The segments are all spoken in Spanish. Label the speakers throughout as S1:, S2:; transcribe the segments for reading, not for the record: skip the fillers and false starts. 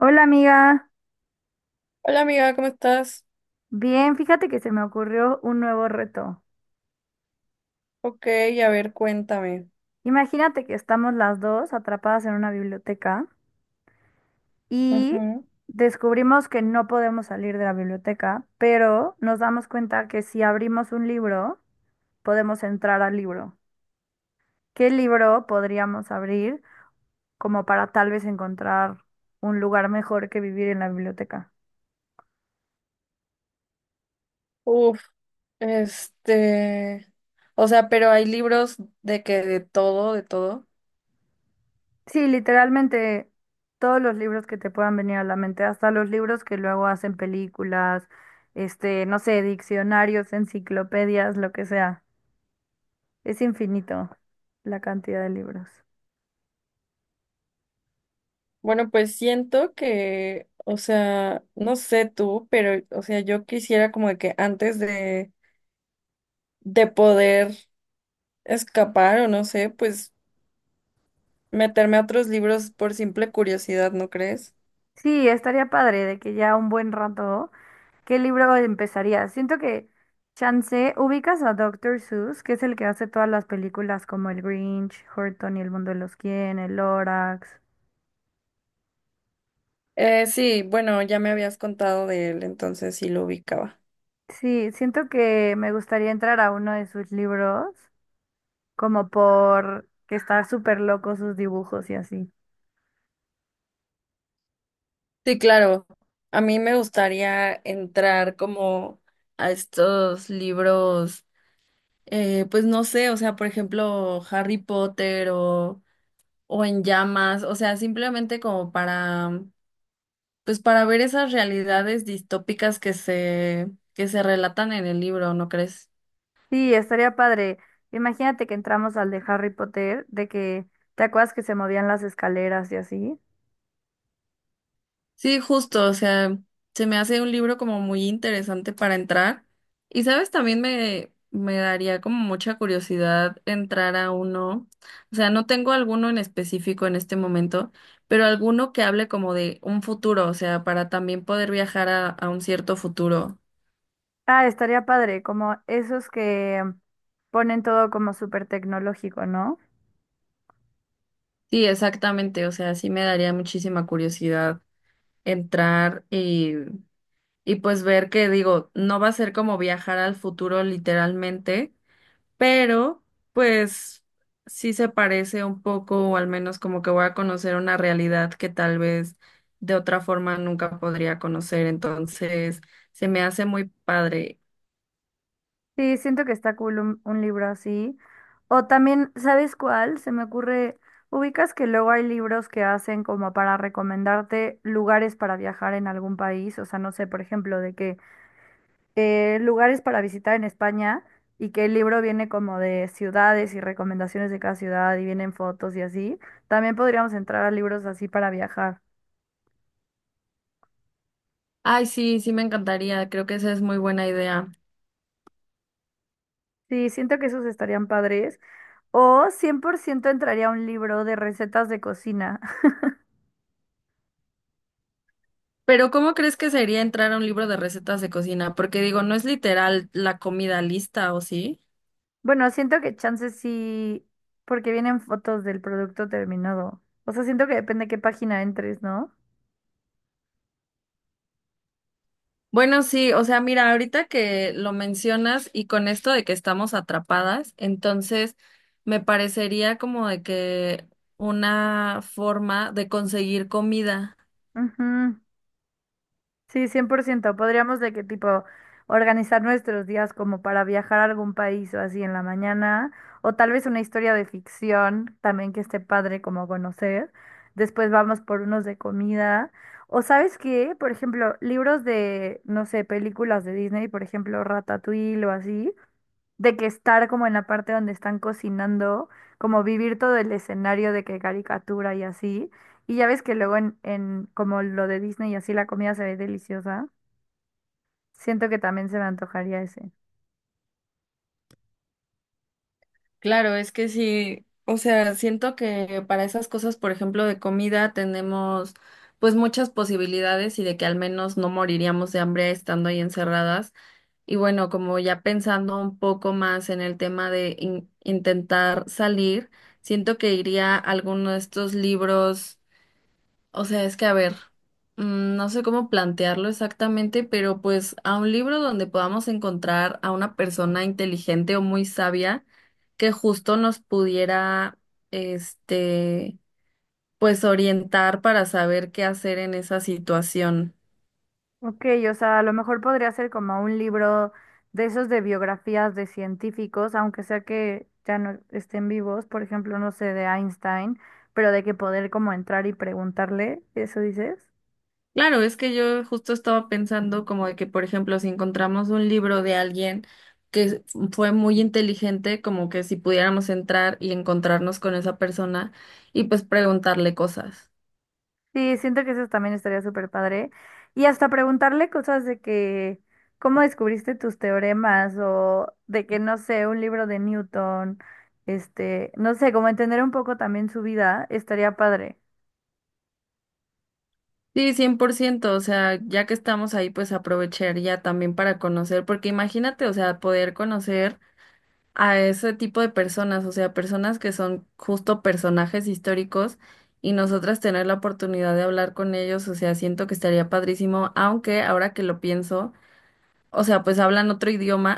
S1: Hola amiga,
S2: Hola amiga, ¿cómo estás?
S1: bien, fíjate que se me ocurrió un nuevo reto.
S2: Ok, a ver, cuéntame.
S1: Imagínate que estamos las dos atrapadas en una biblioteca y
S2: Ujú.
S1: descubrimos que no podemos salir de la biblioteca, pero nos damos cuenta que si abrimos un libro, podemos entrar al libro. ¿Qué libro podríamos abrir como para tal vez encontrar un lugar mejor que vivir en la biblioteca?
S2: Uf, este, o sea, pero hay libros de todo, de todo.
S1: Sí, literalmente todos los libros que te puedan venir a la mente, hasta los libros que luego hacen películas, no sé, diccionarios, enciclopedias, lo que sea. Es infinito la cantidad de libros.
S2: Bueno, pues siento que, o sea, no sé tú, pero, o sea, yo quisiera como de que de poder escapar o no sé, pues meterme a otros libros por simple curiosidad, ¿no crees?
S1: Sí, estaría padre de que ya un buen rato, ¿qué libro empezaría? Siento que chance, ubicas a Doctor Seuss, que es el que hace todas las películas como El Grinch, Horton y el mundo de los quién, El Lorax.
S2: Sí, bueno, ya me habías contado de él, entonces sí lo ubicaba.
S1: Sí, siento que me gustaría entrar a uno de sus libros como por que está súper loco sus dibujos y así.
S2: Sí, claro. A mí me gustaría entrar como a estos libros, pues no sé, o sea, por ejemplo, Harry Potter o En Llamas, o sea, simplemente como para, pues para ver esas realidades distópicas que se relatan en el libro, ¿no crees?
S1: Sí, estaría padre. Imagínate que entramos al de Harry Potter, de que te acuerdas que se movían las escaleras y así.
S2: Sí, justo, o sea, se me hace un libro como muy interesante para entrar. Y sabes, me daría como mucha curiosidad entrar a uno, o sea, no tengo alguno en específico en este momento, pero alguno que hable como de un futuro, o sea, para también poder viajar a un cierto futuro.
S1: Ah, estaría padre, como esos que ponen todo como súper tecnológico, ¿no?
S2: Sí, exactamente, o sea, sí me daría muchísima curiosidad entrar y, y pues ver que digo, no va a ser como viajar al futuro literalmente pero pues sí se parece un poco, o al menos como que voy a conocer una realidad que tal vez de otra forma nunca podría conocer, entonces se me hace muy padre.
S1: Sí, siento que está cool un libro así. O también, ¿sabes cuál? Se me ocurre, ubicas que luego hay libros que hacen como para recomendarte lugares para viajar en algún país, o sea, no sé, por ejemplo, de que lugares para visitar en España y que el libro viene como de ciudades y recomendaciones de cada ciudad y vienen fotos y así. También podríamos entrar a libros así para viajar.
S2: Ay, sí, sí me encantaría, creo que esa es muy buena idea.
S1: Sí, siento que esos estarían padres. O 100% entraría un libro de recetas de cocina.
S2: Pero ¿cómo crees que sería entrar a un libro de recetas de cocina? Porque digo, no es literal la comida lista, ¿o sí?
S1: Bueno, siento que chances sí, porque vienen fotos del producto terminado. O sea, siento que depende de qué página entres, ¿no?
S2: Bueno, sí, o sea, mira, ahorita que lo mencionas y con esto de que estamos atrapadas, entonces me parecería como de que una forma de conseguir comida.
S1: Ujú. Sí, 100%. Podríamos de qué tipo organizar nuestros días como para viajar a algún país o así en la mañana, o tal vez una historia de ficción también que esté padre como conocer. Después vamos por unos de comida. O sabes qué, por ejemplo, libros de, no sé, películas de Disney, por ejemplo, Ratatouille o así de que estar como en la parte donde están cocinando, como vivir todo el escenario de que caricatura y así. Y ya ves que luego en como lo de Disney y así la comida se ve deliciosa. Siento que también se me antojaría ese.
S2: Claro, es que sí, o sea, siento que para esas cosas, por ejemplo, de comida tenemos pues muchas posibilidades y de que al menos no moriríamos de hambre estando ahí encerradas. Y bueno, como ya pensando un poco más en el tema de intentar salir, siento que iría a alguno de estos libros, o sea, es que a ver, no sé cómo plantearlo exactamente, pero pues a un libro donde podamos encontrar a una persona inteligente o muy sabia que justo nos pudiera, este, pues orientar para saber qué hacer en esa situación.
S1: Ok, o sea, a lo mejor podría ser como un libro de esos de biografías de científicos, aunque sea que ya no estén vivos, por ejemplo, no sé, de Einstein, pero de que poder como entrar y preguntarle, ¿eso dices?
S2: Claro, es que yo justo estaba pensando como de que, por ejemplo, si encontramos un libro de alguien que fue muy inteligente, como que si pudiéramos entrar y encontrarnos con esa persona y pues preguntarle cosas.
S1: Sí, siento que eso también estaría súper padre. Y hasta preguntarle cosas de que, ¿cómo descubriste tus teoremas? O de que, no sé, un libro de Newton, no sé, como entender un poco también su vida, estaría padre.
S2: Sí, 100%. O sea, ya que estamos ahí, pues aprovechar ya también para conocer, porque imagínate, o sea, poder conocer a ese tipo de personas, o sea, personas que son justo personajes históricos y nosotras tener la oportunidad de hablar con ellos, o sea, siento que estaría padrísimo, aunque ahora que lo pienso, o sea, pues hablan otro idioma,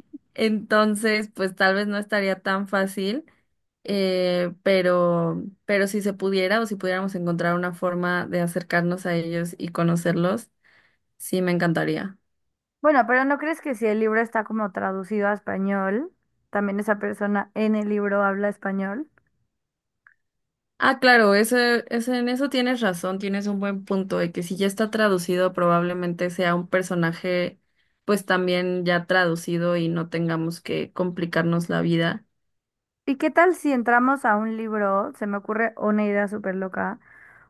S2: entonces, pues tal vez no estaría tan fácil, pero si se pudiera o si pudiéramos encontrar una forma de acercarnos a ellos y conocerlos, sí me encantaría.
S1: Bueno, pero ¿no crees que si el libro está como traducido a español, también esa persona en el libro habla español?
S2: Ah, claro, en eso tienes razón, tienes un buen punto de que si ya está traducido, probablemente sea un personaje, pues también ya traducido y no tengamos que complicarnos la vida.
S1: ¿Y qué tal si entramos a un libro, se me ocurre una idea súper loca,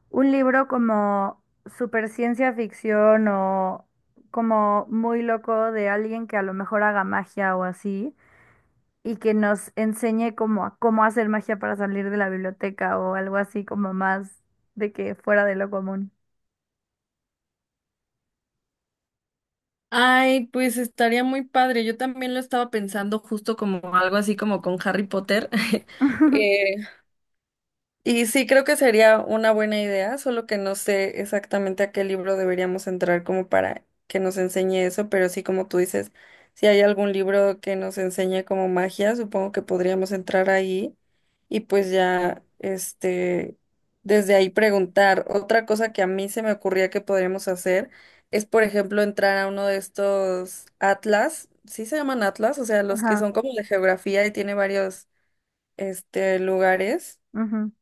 S1: un libro como super ciencia ficción o como muy loco de alguien que a lo mejor haga magia o así y que nos enseñe como a cómo hacer magia para salir de la biblioteca o algo así como más de que fuera de lo común.
S2: Ay, pues estaría muy padre. Yo también lo estaba pensando justo como algo así como con Harry Potter. Eh, Y sí, creo que sería una buena idea, solo que no sé exactamente a qué libro deberíamos entrar como para que nos enseñe eso, pero sí, como tú dices, si hay algún libro que nos enseñe como magia, supongo que podríamos entrar ahí y pues ya, desde ahí preguntar. Otra cosa que a mí se me ocurría que podríamos hacer es, por ejemplo, entrar a uno de estos atlas, sí se llaman atlas, o sea, los que
S1: Ajá,
S2: son como de geografía y tiene varios, lugares,
S1: ujú.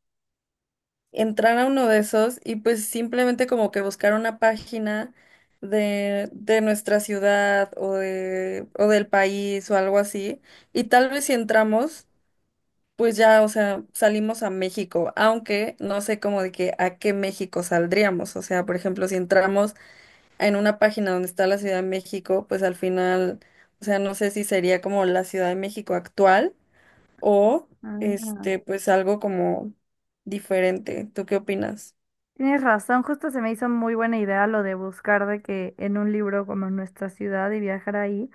S2: entrar a uno de esos y pues simplemente como que buscar una página de nuestra ciudad o del país o algo así. Y tal vez si entramos, pues ya, o sea, salimos a México, aunque no sé como de que a qué México saldríamos. O sea, por ejemplo, si entramos en una página donde está la Ciudad de México, pues al final, o sea, no sé si sería como la Ciudad de México actual o
S1: Ah,
S2: pues algo como diferente. ¿Tú qué opinas?
S1: tienes razón, justo se me hizo muy buena idea lo de buscar de que en un libro como en nuestra ciudad y viajar ahí.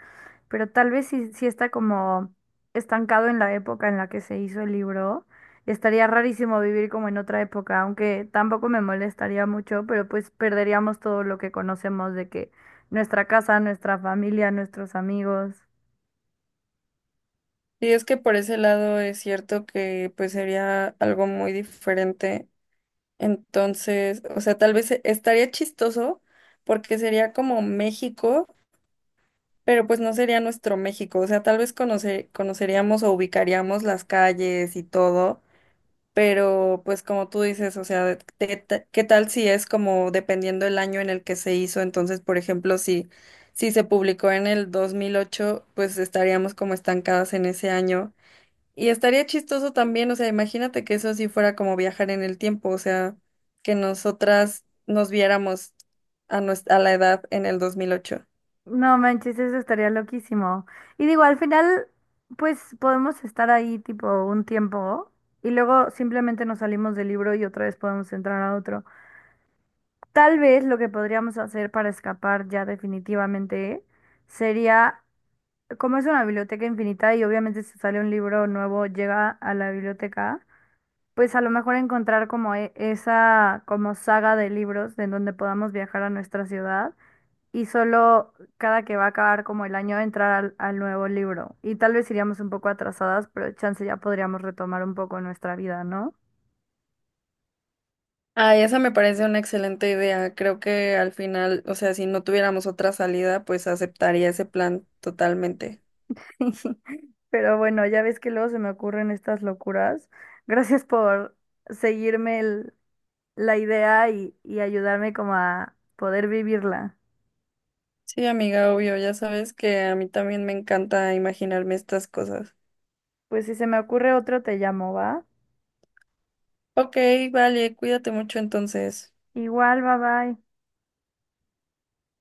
S1: Pero tal vez si está como estancado en la época en la que se hizo el libro, estaría rarísimo vivir como en otra época, aunque tampoco me molestaría mucho, pero pues perderíamos todo lo que conocemos de que nuestra casa, nuestra familia, nuestros amigos.
S2: Y es que por ese lado es cierto que pues sería algo muy diferente. Entonces, o sea, tal vez estaría chistoso porque sería como México, pero pues no sería nuestro México. O sea, tal vez conoceríamos o ubicaríamos las calles y todo, pero pues como tú dices, o sea, ¿qué tal si es como dependiendo el año en el que se hizo? Entonces, por ejemplo, si se publicó en el 2008 pues estaríamos como estancadas en ese año. Y estaría chistoso también, o sea, imagínate que eso sí fuera como viajar en el tiempo, o sea, que nosotras nos viéramos a la edad en el 2008.
S1: No manches, eso estaría loquísimo. Y digo, al final, pues podemos estar ahí tipo un tiempo y luego simplemente nos salimos del libro y otra vez podemos entrar a otro. Tal vez lo que podríamos hacer para escapar ya definitivamente sería, como es una biblioteca infinita y obviamente si sale un libro nuevo llega a la biblioteca, pues a lo mejor encontrar como e- esa como saga de libros en donde podamos viajar a nuestra ciudad y solo cada que va a acabar como el año entrar al nuevo libro. Y tal vez iríamos un poco atrasadas, pero chance ya podríamos retomar un poco nuestra vida, ¿no?
S2: Ay, esa me parece una excelente idea. Creo que al final, o sea, si no tuviéramos otra salida, pues aceptaría ese plan totalmente.
S1: Pero bueno, ya ves que luego se me ocurren estas locuras. Gracias por seguirme el- la idea y ayudarme como a poder vivirla.
S2: Sí, amiga, obvio, ya sabes que a mí también me encanta imaginarme estas cosas.
S1: Pues si se me ocurre otro, te llamo, ¿va?
S2: Ok, vale, cuídate mucho entonces.
S1: Igual, bye bye.